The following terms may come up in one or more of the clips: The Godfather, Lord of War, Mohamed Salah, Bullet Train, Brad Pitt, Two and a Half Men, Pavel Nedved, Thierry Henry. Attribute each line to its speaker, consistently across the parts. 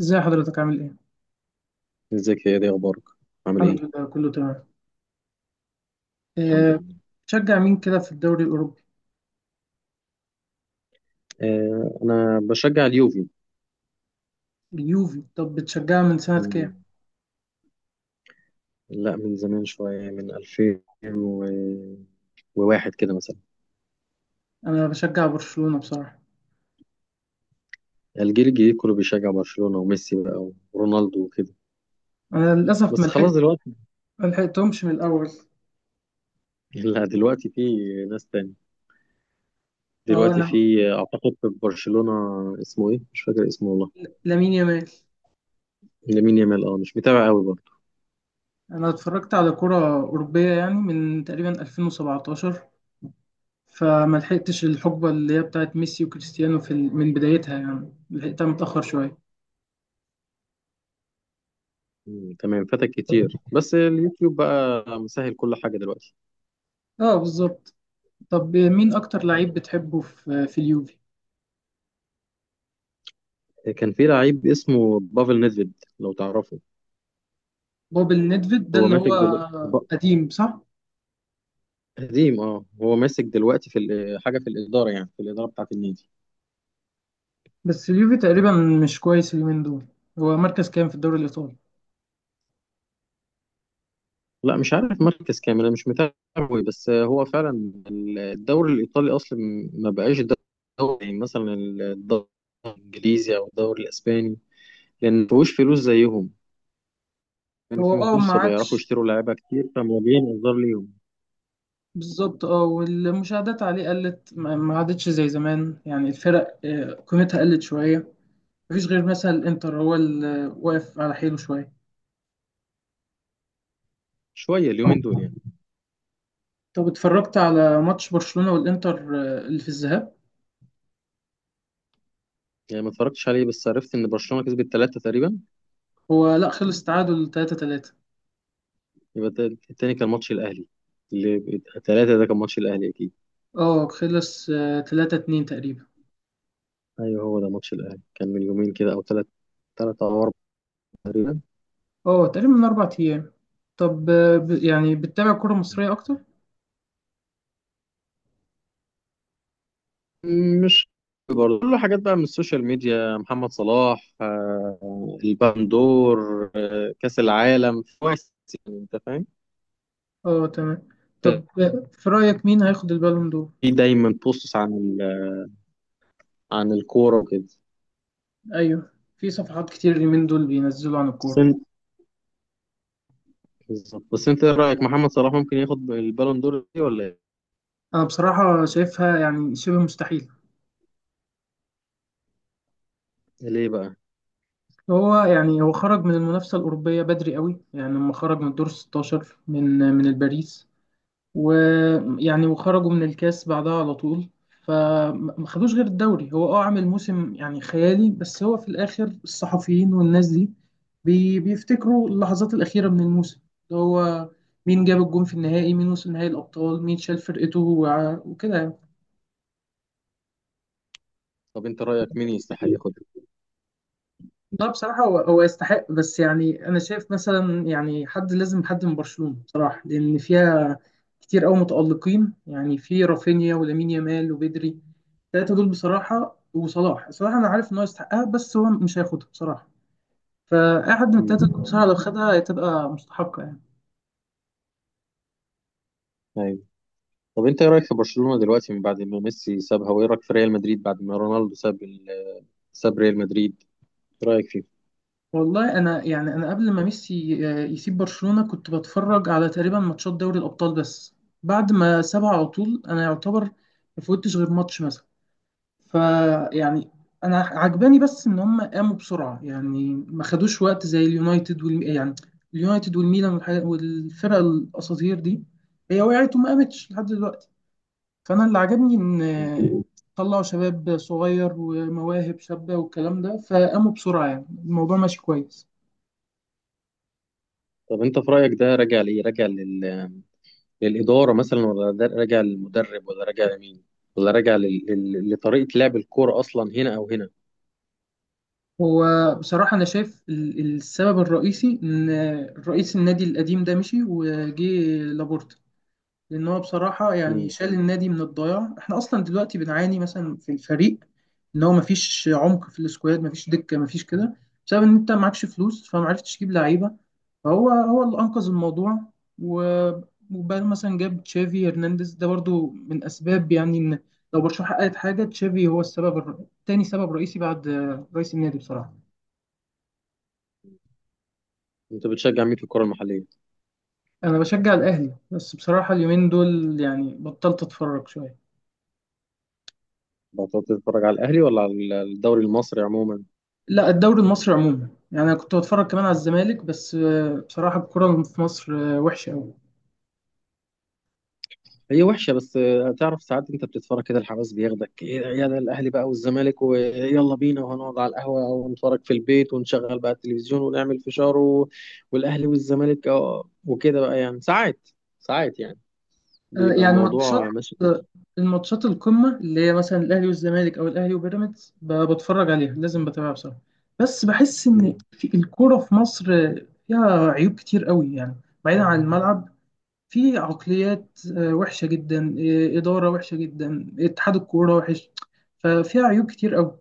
Speaker 1: ازاي حضرتك عامل ايه؟
Speaker 2: ازيك يا دي؟ اخبارك، عامل
Speaker 1: الحمد
Speaker 2: ايه؟
Speaker 1: لله كله تمام.
Speaker 2: الحمد
Speaker 1: أه.
Speaker 2: لله.
Speaker 1: بتشجع مين كده في الدوري الأوروبي؟
Speaker 2: آه، انا بشجع اليوفي.
Speaker 1: اليوفي. طب بتشجعها من سنة كام؟
Speaker 2: مم، لا، من زمان شويه، من 2001 كده مثلا.
Speaker 1: أنا بشجع برشلونة بصراحة.
Speaker 2: الجيل الجديد كله بيشجع برشلونه وميسي بقى ورونالدو وكده،
Speaker 1: أنا للأسف
Speaker 2: بس خلاص دلوقتي.
Speaker 1: ما لحقتهمش من الأول.
Speaker 2: لا، دلوقتي في ناس تاني.
Speaker 1: اه،
Speaker 2: دلوقتي في اعتقد في برشلونه، اسمه ايه، مش فاكر اسمه والله.
Speaker 1: لامين يامال.
Speaker 2: لامين يامال، مش متابع قوي برضه.
Speaker 1: أنا اتفرجت على كرة أوروبية يعني من تقريبا 2017، فما لحقتش الحقبة اللي هي بتاعت ميسي وكريستيانو من بدايتها، يعني لحقتها متأخر شوية.
Speaker 2: مم، تمام، فاتك كتير، بس اليوتيوب بقى مسهل كل حاجه دلوقتي.
Speaker 1: اه بالظبط. طب مين أكتر لعيب بتحبه في اليوفي؟
Speaker 2: كان في لعيب اسمه بافل نيدفيد، لو تعرفه.
Speaker 1: بوبل نيدفيد ده
Speaker 2: هو
Speaker 1: اللي
Speaker 2: ماسك
Speaker 1: هو
Speaker 2: دلوقتي.
Speaker 1: قديم، صح؟
Speaker 2: قديم، اه، هو ماسك دلوقتي في حاجه في الاداره، يعني في الاداره بتاعه النادي.
Speaker 1: بس اليوفي تقريبا مش كويس اليومين دول. هو مركز كام في الدوري الإيطالي؟
Speaker 2: لا، مش عارف مركز كامل، انا مش متابع قوي، بس هو فعلا الدوري الايطالي اصلا ما بقاش دوري، يعني مثلا الدوري الانجليزي او الدوري الاسباني، لان ما فيهوش فلوس زيهم. كان
Speaker 1: هو
Speaker 2: في فلوس
Speaker 1: ما
Speaker 2: فبيعرفوا
Speaker 1: عادش.
Speaker 2: يشتروا لعيبه كتير، فموضوعين انذار ليهم.
Speaker 1: بالظبط. اه والمشاهدات عليه قلت، ما عادتش زي زمان، يعني الفرق، قيمتها قلت شوية. مفيش غير مثلا الإنتر هو اللي واقف على حيله شوية.
Speaker 2: شويه اليومين دول يعني.
Speaker 1: طب اتفرجت على ماتش برشلونة والإنتر اللي في الذهاب؟
Speaker 2: يعني ما اتفرجتش عليه، بس عرفت ان برشلونه كسبت 3 تقريبا.
Speaker 1: هو لا، خلص تعادل 3-3.
Speaker 2: يبقى التاني كان ماتش الأهلي، اللي 3 ده كان ماتش الأهلي أكيد.
Speaker 1: اه، خلص 3-2 تقريبا.
Speaker 2: أيوه، هو ده ماتش الأهلي، كان من يومين كده أو 3 أو 4 تقريبا.
Speaker 1: اه تقريبا من 4 أيام. طب، يعني بتتابع كرة مصرية أكتر؟
Speaker 2: مش برضه كله حاجات بقى من السوشيال ميديا، محمد صلاح، البندور، كأس العالم كويس، يعني أنت فاهم.
Speaker 1: اه تمام. طب في رأيك مين هياخد البالون دور؟
Speaker 2: في دايما بوستس عن عن الكورة وكده.
Speaker 1: أيوه. في صفحات كتير اليومين دول بينزلوا عن
Speaker 2: بس
Speaker 1: الكورة.
Speaker 2: أنت بالظبط، بس أنت إيه رأيك، محمد صلاح ممكن ياخد البالون دور دي ولا إيه؟
Speaker 1: أنا بصراحة شايفها يعني شبه مستحيل.
Speaker 2: ليه بقى؟
Speaker 1: هو خرج من المنافسة الأوروبية بدري قوي، يعني لما خرج من الدور 16 من الباريس. ويعني وخرجوا من الكاس بعدها على طول، فما خدوش غير الدوري. هو عامل موسم يعني خيالي، بس هو في الاخر الصحفيين والناس دي بيفتكروا اللحظات الاخيره من الموسم، اللي هو مين جاب الجون في النهائي، مين وصل نهائي الابطال، مين شال فرقته، وكده.
Speaker 2: طب أنت رأيك مين يستحق
Speaker 1: يعني.
Speaker 2: ياخدها؟
Speaker 1: لا، بصراحة هو هو يستحق، بس يعني أنا شايف مثلا يعني حد لازم، حد من برشلونة بصراحة، لأن فيها كتير أوي متألقين، يعني في رافينيا ولامين يامال وبدري. التلاتة دول بصراحة، وصلاح أنا عارف إن هو يستحقها، بس هو مش هياخدها بصراحة. فأي حد من التلاتة
Speaker 2: مم.
Speaker 1: دول بصراحة
Speaker 2: مم.
Speaker 1: لو خدها هتبقى مستحقة يعني.
Speaker 2: أيوه. طب انت ايه رايك في برشلونه دلوقتي من بعد ما ميسي سابها، وايه رايك في ريال مدريد بعد ما رونالدو ساب ريال مدريد، ايه رايك فيه؟
Speaker 1: والله أنا يعني، قبل ما ميسي يسيب برشلونة كنت بتفرج على تقريبا ماتشات دوري الأبطال بس. بعد ما سابها على طول، أنا يعتبر ما فوتش غير ماتش مثلا، فيعني انا عجباني بس ان هم قاموا بسرعه، يعني ما خدوش وقت زي اليونايتد وال يعني اليونايتد والميلان والفرق الاساطير دي. هي وقعت وما قامتش لحد دلوقتي، فانا اللي عجبني ان طلعوا شباب صغير ومواهب شابه والكلام ده، فقاموا بسرعه، يعني الموضوع ماشي كويس.
Speaker 2: طب انت في رايك ده راجع لايه، راجع للاداره مثلا، ولا ده راجع للمدرب، ولا راجع لمين، ولا راجع لطريقه لعب الكوره اصلا هنا او هنا؟
Speaker 1: هو بصراحه انا شايف السبب الرئيسي ان رئيس النادي القديم ده مشي وجه لابورتا، لان هو بصراحه يعني
Speaker 2: مم.
Speaker 1: شال النادي من الضياع. احنا اصلا دلوقتي بنعاني مثلا في الفريق، ان هو مفيش عمق في السكواد، مفيش دكه، مفيش كده، بسبب ان انت معكش فلوس، فما عرفتش تجيب لعيبه، فهو هو اللي انقذ الموضوع. و- وبعد مثلا جاب تشافي هرنانديز، ده برضو من اسباب يعني ان لو برشلونه حققت حاجه، تشافي هو السبب، تاني سبب رئيسي بعد رئيس النادي بصراحه.
Speaker 2: انت بتشجع مين في الكوره المحليه؟
Speaker 1: انا بشجع الاهلي، بس بصراحه اليومين دول يعني بطلت اتفرج شويه.
Speaker 2: بتقعد تتفرج على الاهلي، ولا على الدوري المصري عموما؟
Speaker 1: لا، الدوري المصري عموما، يعني انا كنت بتفرج كمان على الزمالك، بس بصراحه الكره في مصر وحشه قوي.
Speaker 2: هي وحشه، بس تعرف ساعات انت بتتفرج كده الحماس بياخدك، ايه ده، يا ده الاهلي بقى والزمالك، ويلا بينا، وهنقعد على القهوه ونتفرج في البيت ونشغل بقى التلفزيون ونعمل فشار والاهلي والزمالك، وكده بقى، يعني ساعات ساعات يعني بيبقى
Speaker 1: يعني ماتشات
Speaker 2: الموضوع ماشي كده.
Speaker 1: آه، الماتشات القمه اللي هي مثلا الاهلي والزمالك او الاهلي وبيراميدز، بتفرج عليها، لازم بتابعها بصراحه. بس بحس ان
Speaker 2: مم.
Speaker 1: في الكره في مصر فيها عيوب كتير قوي يعني. بعيدا عن الملعب، في عقليات وحشه جدا، اداره وحشه جدا، اتحاد الكوره وحش. ففيها عيوب كتير قوي،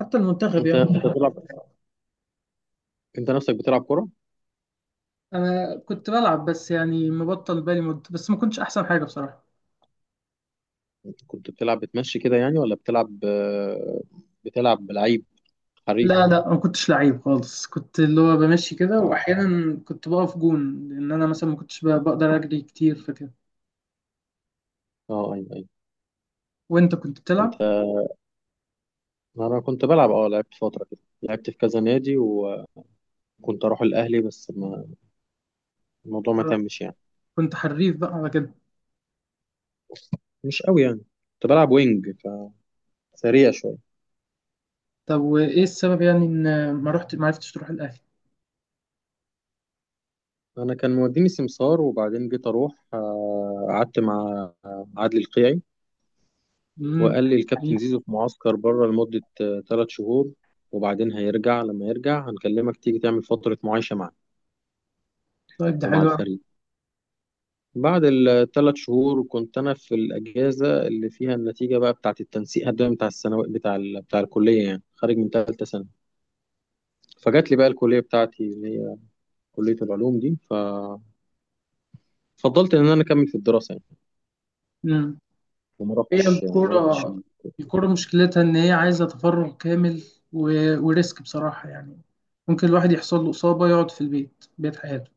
Speaker 1: حتى المنتخب
Speaker 2: انت
Speaker 1: يعني.
Speaker 2: انت بتلعب، انت نفسك بتلعب كوره؟
Speaker 1: انا كنت بلعب، بس يعني مبطل بالي مدة، بس ما كنتش احسن حاجة بصراحة.
Speaker 2: كنت بتلعب بتمشي كده يعني، ولا بتلعب، بتلعب لعيب
Speaker 1: لا
Speaker 2: حريف؟
Speaker 1: لا، ما كنتش لعيب خالص. كنت اللي هو بمشي كده،
Speaker 2: اه،
Speaker 1: واحيانا كنت بقف جون، لان انا مثلا ما كنتش بقدر اجري كتير فكده.
Speaker 2: اه، ايوه، ايوه.
Speaker 1: وانت كنت
Speaker 2: انت
Speaker 1: بتلعب،
Speaker 2: انا كنت بلعب، اه، لعبت فتره كده، لعبت في كذا نادي، كنت اروح الاهلي بس ما الموضوع ما تمش يعني،
Speaker 1: كنت حريف بقى على كده؟
Speaker 2: مش قوي يعني. كنت بلعب وينج، فسريع شويه.
Speaker 1: طب وايه السبب، يعني ان ما عرفتش تروح الاهلي؟
Speaker 2: انا كان موديني سمسار، وبعدين جيت اروح، قعدت مع عادل القيعي،
Speaker 1: امم.
Speaker 2: وقال لي الكابتن زيزو في معسكر بره لمده 3 شهور، وبعدين هيرجع، لما يرجع هنكلمك تيجي تعمل فتره معايشه معنا
Speaker 1: طيب ده
Speaker 2: ومع
Speaker 1: حلو أوي.
Speaker 2: الفريق. بعد الـ3 شهور كنت انا في الاجازه اللي فيها النتيجه بقى، بتاعه التنسيق، الدوري بتاع الثانوي، بتاع بتاع الكليه يعني، خارج من ثالثه سنه. فجات لي بقى الكلية بتاعتي، اللي هي كلية العلوم دي، ففضلت إن أنا أكمل في الدراسة يعني،
Speaker 1: امم.
Speaker 2: وما
Speaker 1: هي
Speaker 2: رحتش، ما رحتش.
Speaker 1: الكورة، مشكلتها ان هي عايزة تفرغ كامل، و... وريسك بصراحة يعني. ممكن الواحد يحصل له إصابة يقعد في البيت، بيت حياته.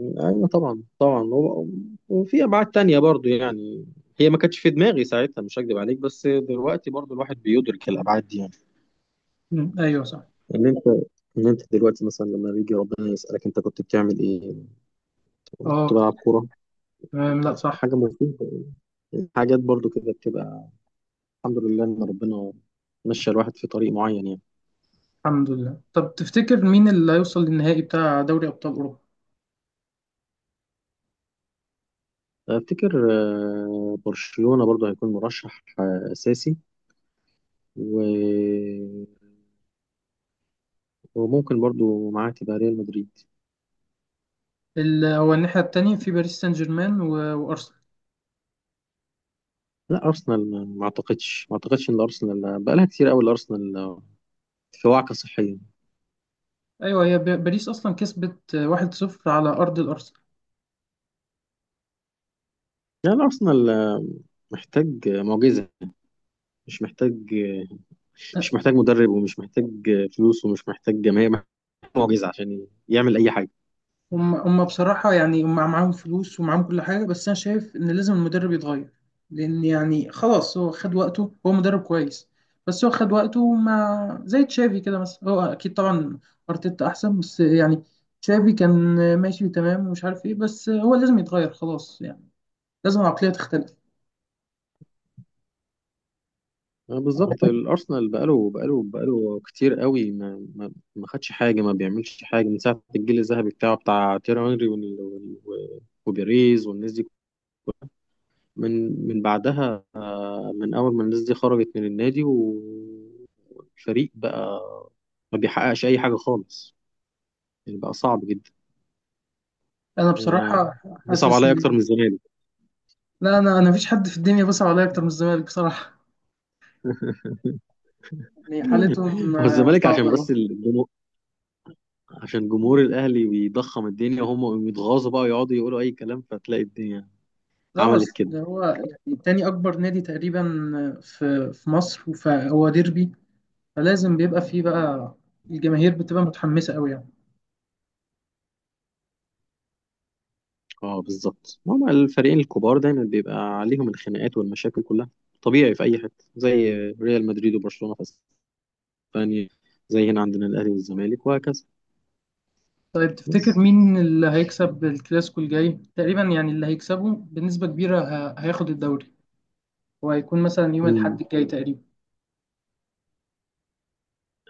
Speaker 2: أيوة، طبعا طبعا، وفي أبعاد تانية برضو يعني، هي ما كانتش في دماغي ساعتها، مش هكدب عليك، بس دلوقتي برضو الواحد بيدرك الأبعاد دي يعني.
Speaker 1: مم. ايوه صح.
Speaker 2: إن أنت إن أنت دلوقتي مثلا لما بيجي ربنا يسألك، أنت كنت بتعمل إيه؟ كنت
Speaker 1: اه
Speaker 2: بلعب كورة،
Speaker 1: تمام، لا صح.
Speaker 2: حاجة مفيدة يعني. حاجات برضو كده بتبقى الحمد لله إن ربنا مشى الواحد في طريق معين يعني.
Speaker 1: الحمد لله. طب تفتكر مين اللي هيوصل للنهائي بتاع دوري ابطال اوروبا؟
Speaker 2: افتكر، برشلونة برضو هيكون مرشح، اساسي، و- وممكن برضو معاه تبقى ريال مدريد.
Speaker 1: هو الناحيه التانية في باريس سان جيرمان وارسنال.
Speaker 2: لا، ارسنال، ما اعتقدش ان ارسنال بقالها كتير قوي، الارسنال في وعكة صحية.
Speaker 1: ايوه، هي باريس اصلا كسبت 1-0 على ارض الارسنال.
Speaker 2: يعني الارسنال، محتاج معجزة، مش محتاج آه، مش محتاج مدرب، ومش محتاج فلوس، ومش محتاج جماهير، محتاج معجزة عشان يعمل اي حاجة.
Speaker 1: هم بصراحة يعني، هم معاهم فلوس ومعاهم كل حاجة، بس أنا شايف إن لازم المدرب يتغير، لأن يعني خلاص هو خد وقته. هو مدرب كويس، بس هو خد وقته، مع زي تشافي كده مثلا. هو أكيد طبعا أرتيتا أحسن، بس يعني تشافي كان ماشي تمام ومش عارف إيه، بس هو لازم يتغير خلاص يعني، لازم العقلية تختلف.
Speaker 2: بالظبط، الارسنال بقاله كتير قوي، ما خدش حاجه، ما بيعملش حاجه من ساعه الجيل الذهبي بتاع تيري هنري وبيريز والناس دي. من بعدها، من اول ما الناس دي خرجت من النادي والفريق بقى ما بيحققش اي حاجه خالص، يعني بقى صعب جدا
Speaker 1: أنا
Speaker 2: يعني،
Speaker 1: بصراحة
Speaker 2: يصعب
Speaker 1: حاسس
Speaker 2: عليا اكتر
Speaker 1: إن،
Speaker 2: من الزمالك.
Speaker 1: لا، أنا مفيش حد في الدنيا بيصعب عليا أكتر من الزمالك بصراحة. يعني حالتهم
Speaker 2: هو الزمالك عشان
Speaker 1: صعبة.
Speaker 2: بس الجمهور، عشان جمهور الاهلي بيضخم الدنيا، وهم يتغاظوا بقى ويقعدوا يقولوا اي كلام، فتلاقي الدنيا
Speaker 1: اه،
Speaker 2: عملت
Speaker 1: أصل
Speaker 2: كده.
Speaker 1: ده هو يعني تاني اكبر نادي تقريبا في مصر، فهو ديربي، فلازم بيبقى فيه بقى الجماهير بتبقى متحمسة قوي يعني.
Speaker 2: اه، بالظبط، ما هما الفريقين الكبار دايما بيبقى عليهم الخناقات والمشاكل كلها، طبيعي في اي حته، زي ريال مدريد وبرشلونه في اسبانيا، زي هنا عندنا الاهلي والزمالك، وهكذا.
Speaker 1: طيب تفتكر
Speaker 2: بس.
Speaker 1: مين اللي هيكسب الكلاسيكو الجاي تقريبا، يعني اللي هيكسبه بنسبة كبيرة هياخد الدوري؟ وهيكون مثلا يوم الاحد
Speaker 2: مم.
Speaker 1: الجاي تقريبا.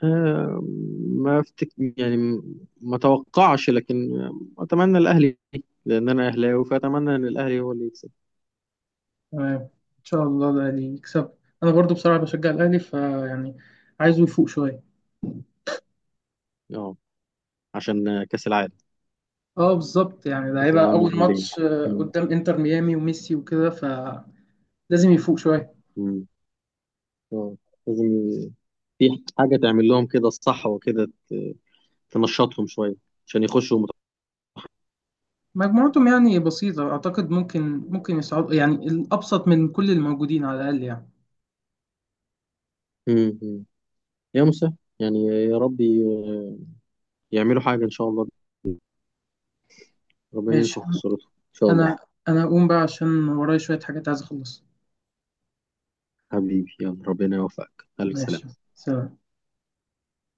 Speaker 2: آه، ما افتك يعني، ما اتوقعش، لكن اتمنى الاهلي، لان انا اهلاوي، فاتمنى ان الاهلي هو اللي يكسب.
Speaker 1: تمام، ان شاء الله ده اللي يكسب. انا برضو بصراحة بشجع الاهلي، فيعني عايزه يفوق شوية.
Speaker 2: اه، عشان كاس العالم،
Speaker 1: اه بالظبط، يعني ده
Speaker 2: كاس
Speaker 1: هيبقى
Speaker 2: العالم
Speaker 1: اول
Speaker 2: للانديه.
Speaker 1: ماتش
Speaker 2: مم.
Speaker 1: قدام انتر ميامي وميسي وكده، فلازم يفوق شوية.
Speaker 2: مم. اه، لازم في حاجه تعمل لهم كده الصح وكده، تنشطهم شويه، عشان يخشوا
Speaker 1: مجموعتهم يعني بسيطة، أعتقد ممكن يصعد يعني، الأبسط من كل الموجودين على الأقل يعني.
Speaker 2: مم. مم. يا مسهل، يعني يا رب يعملوا حاجه ان شاء الله، ربنا
Speaker 1: ماشي.
Speaker 2: ينفخ في صورتهم ان شاء الله.
Speaker 1: أنا أنا أقوم بقى عشان ورايا شوية حاجات عايز أخلصها.
Speaker 2: حبيبي، يلا، ربنا يوفقك، الف
Speaker 1: ماشي.
Speaker 2: سلامه.
Speaker 1: سلام.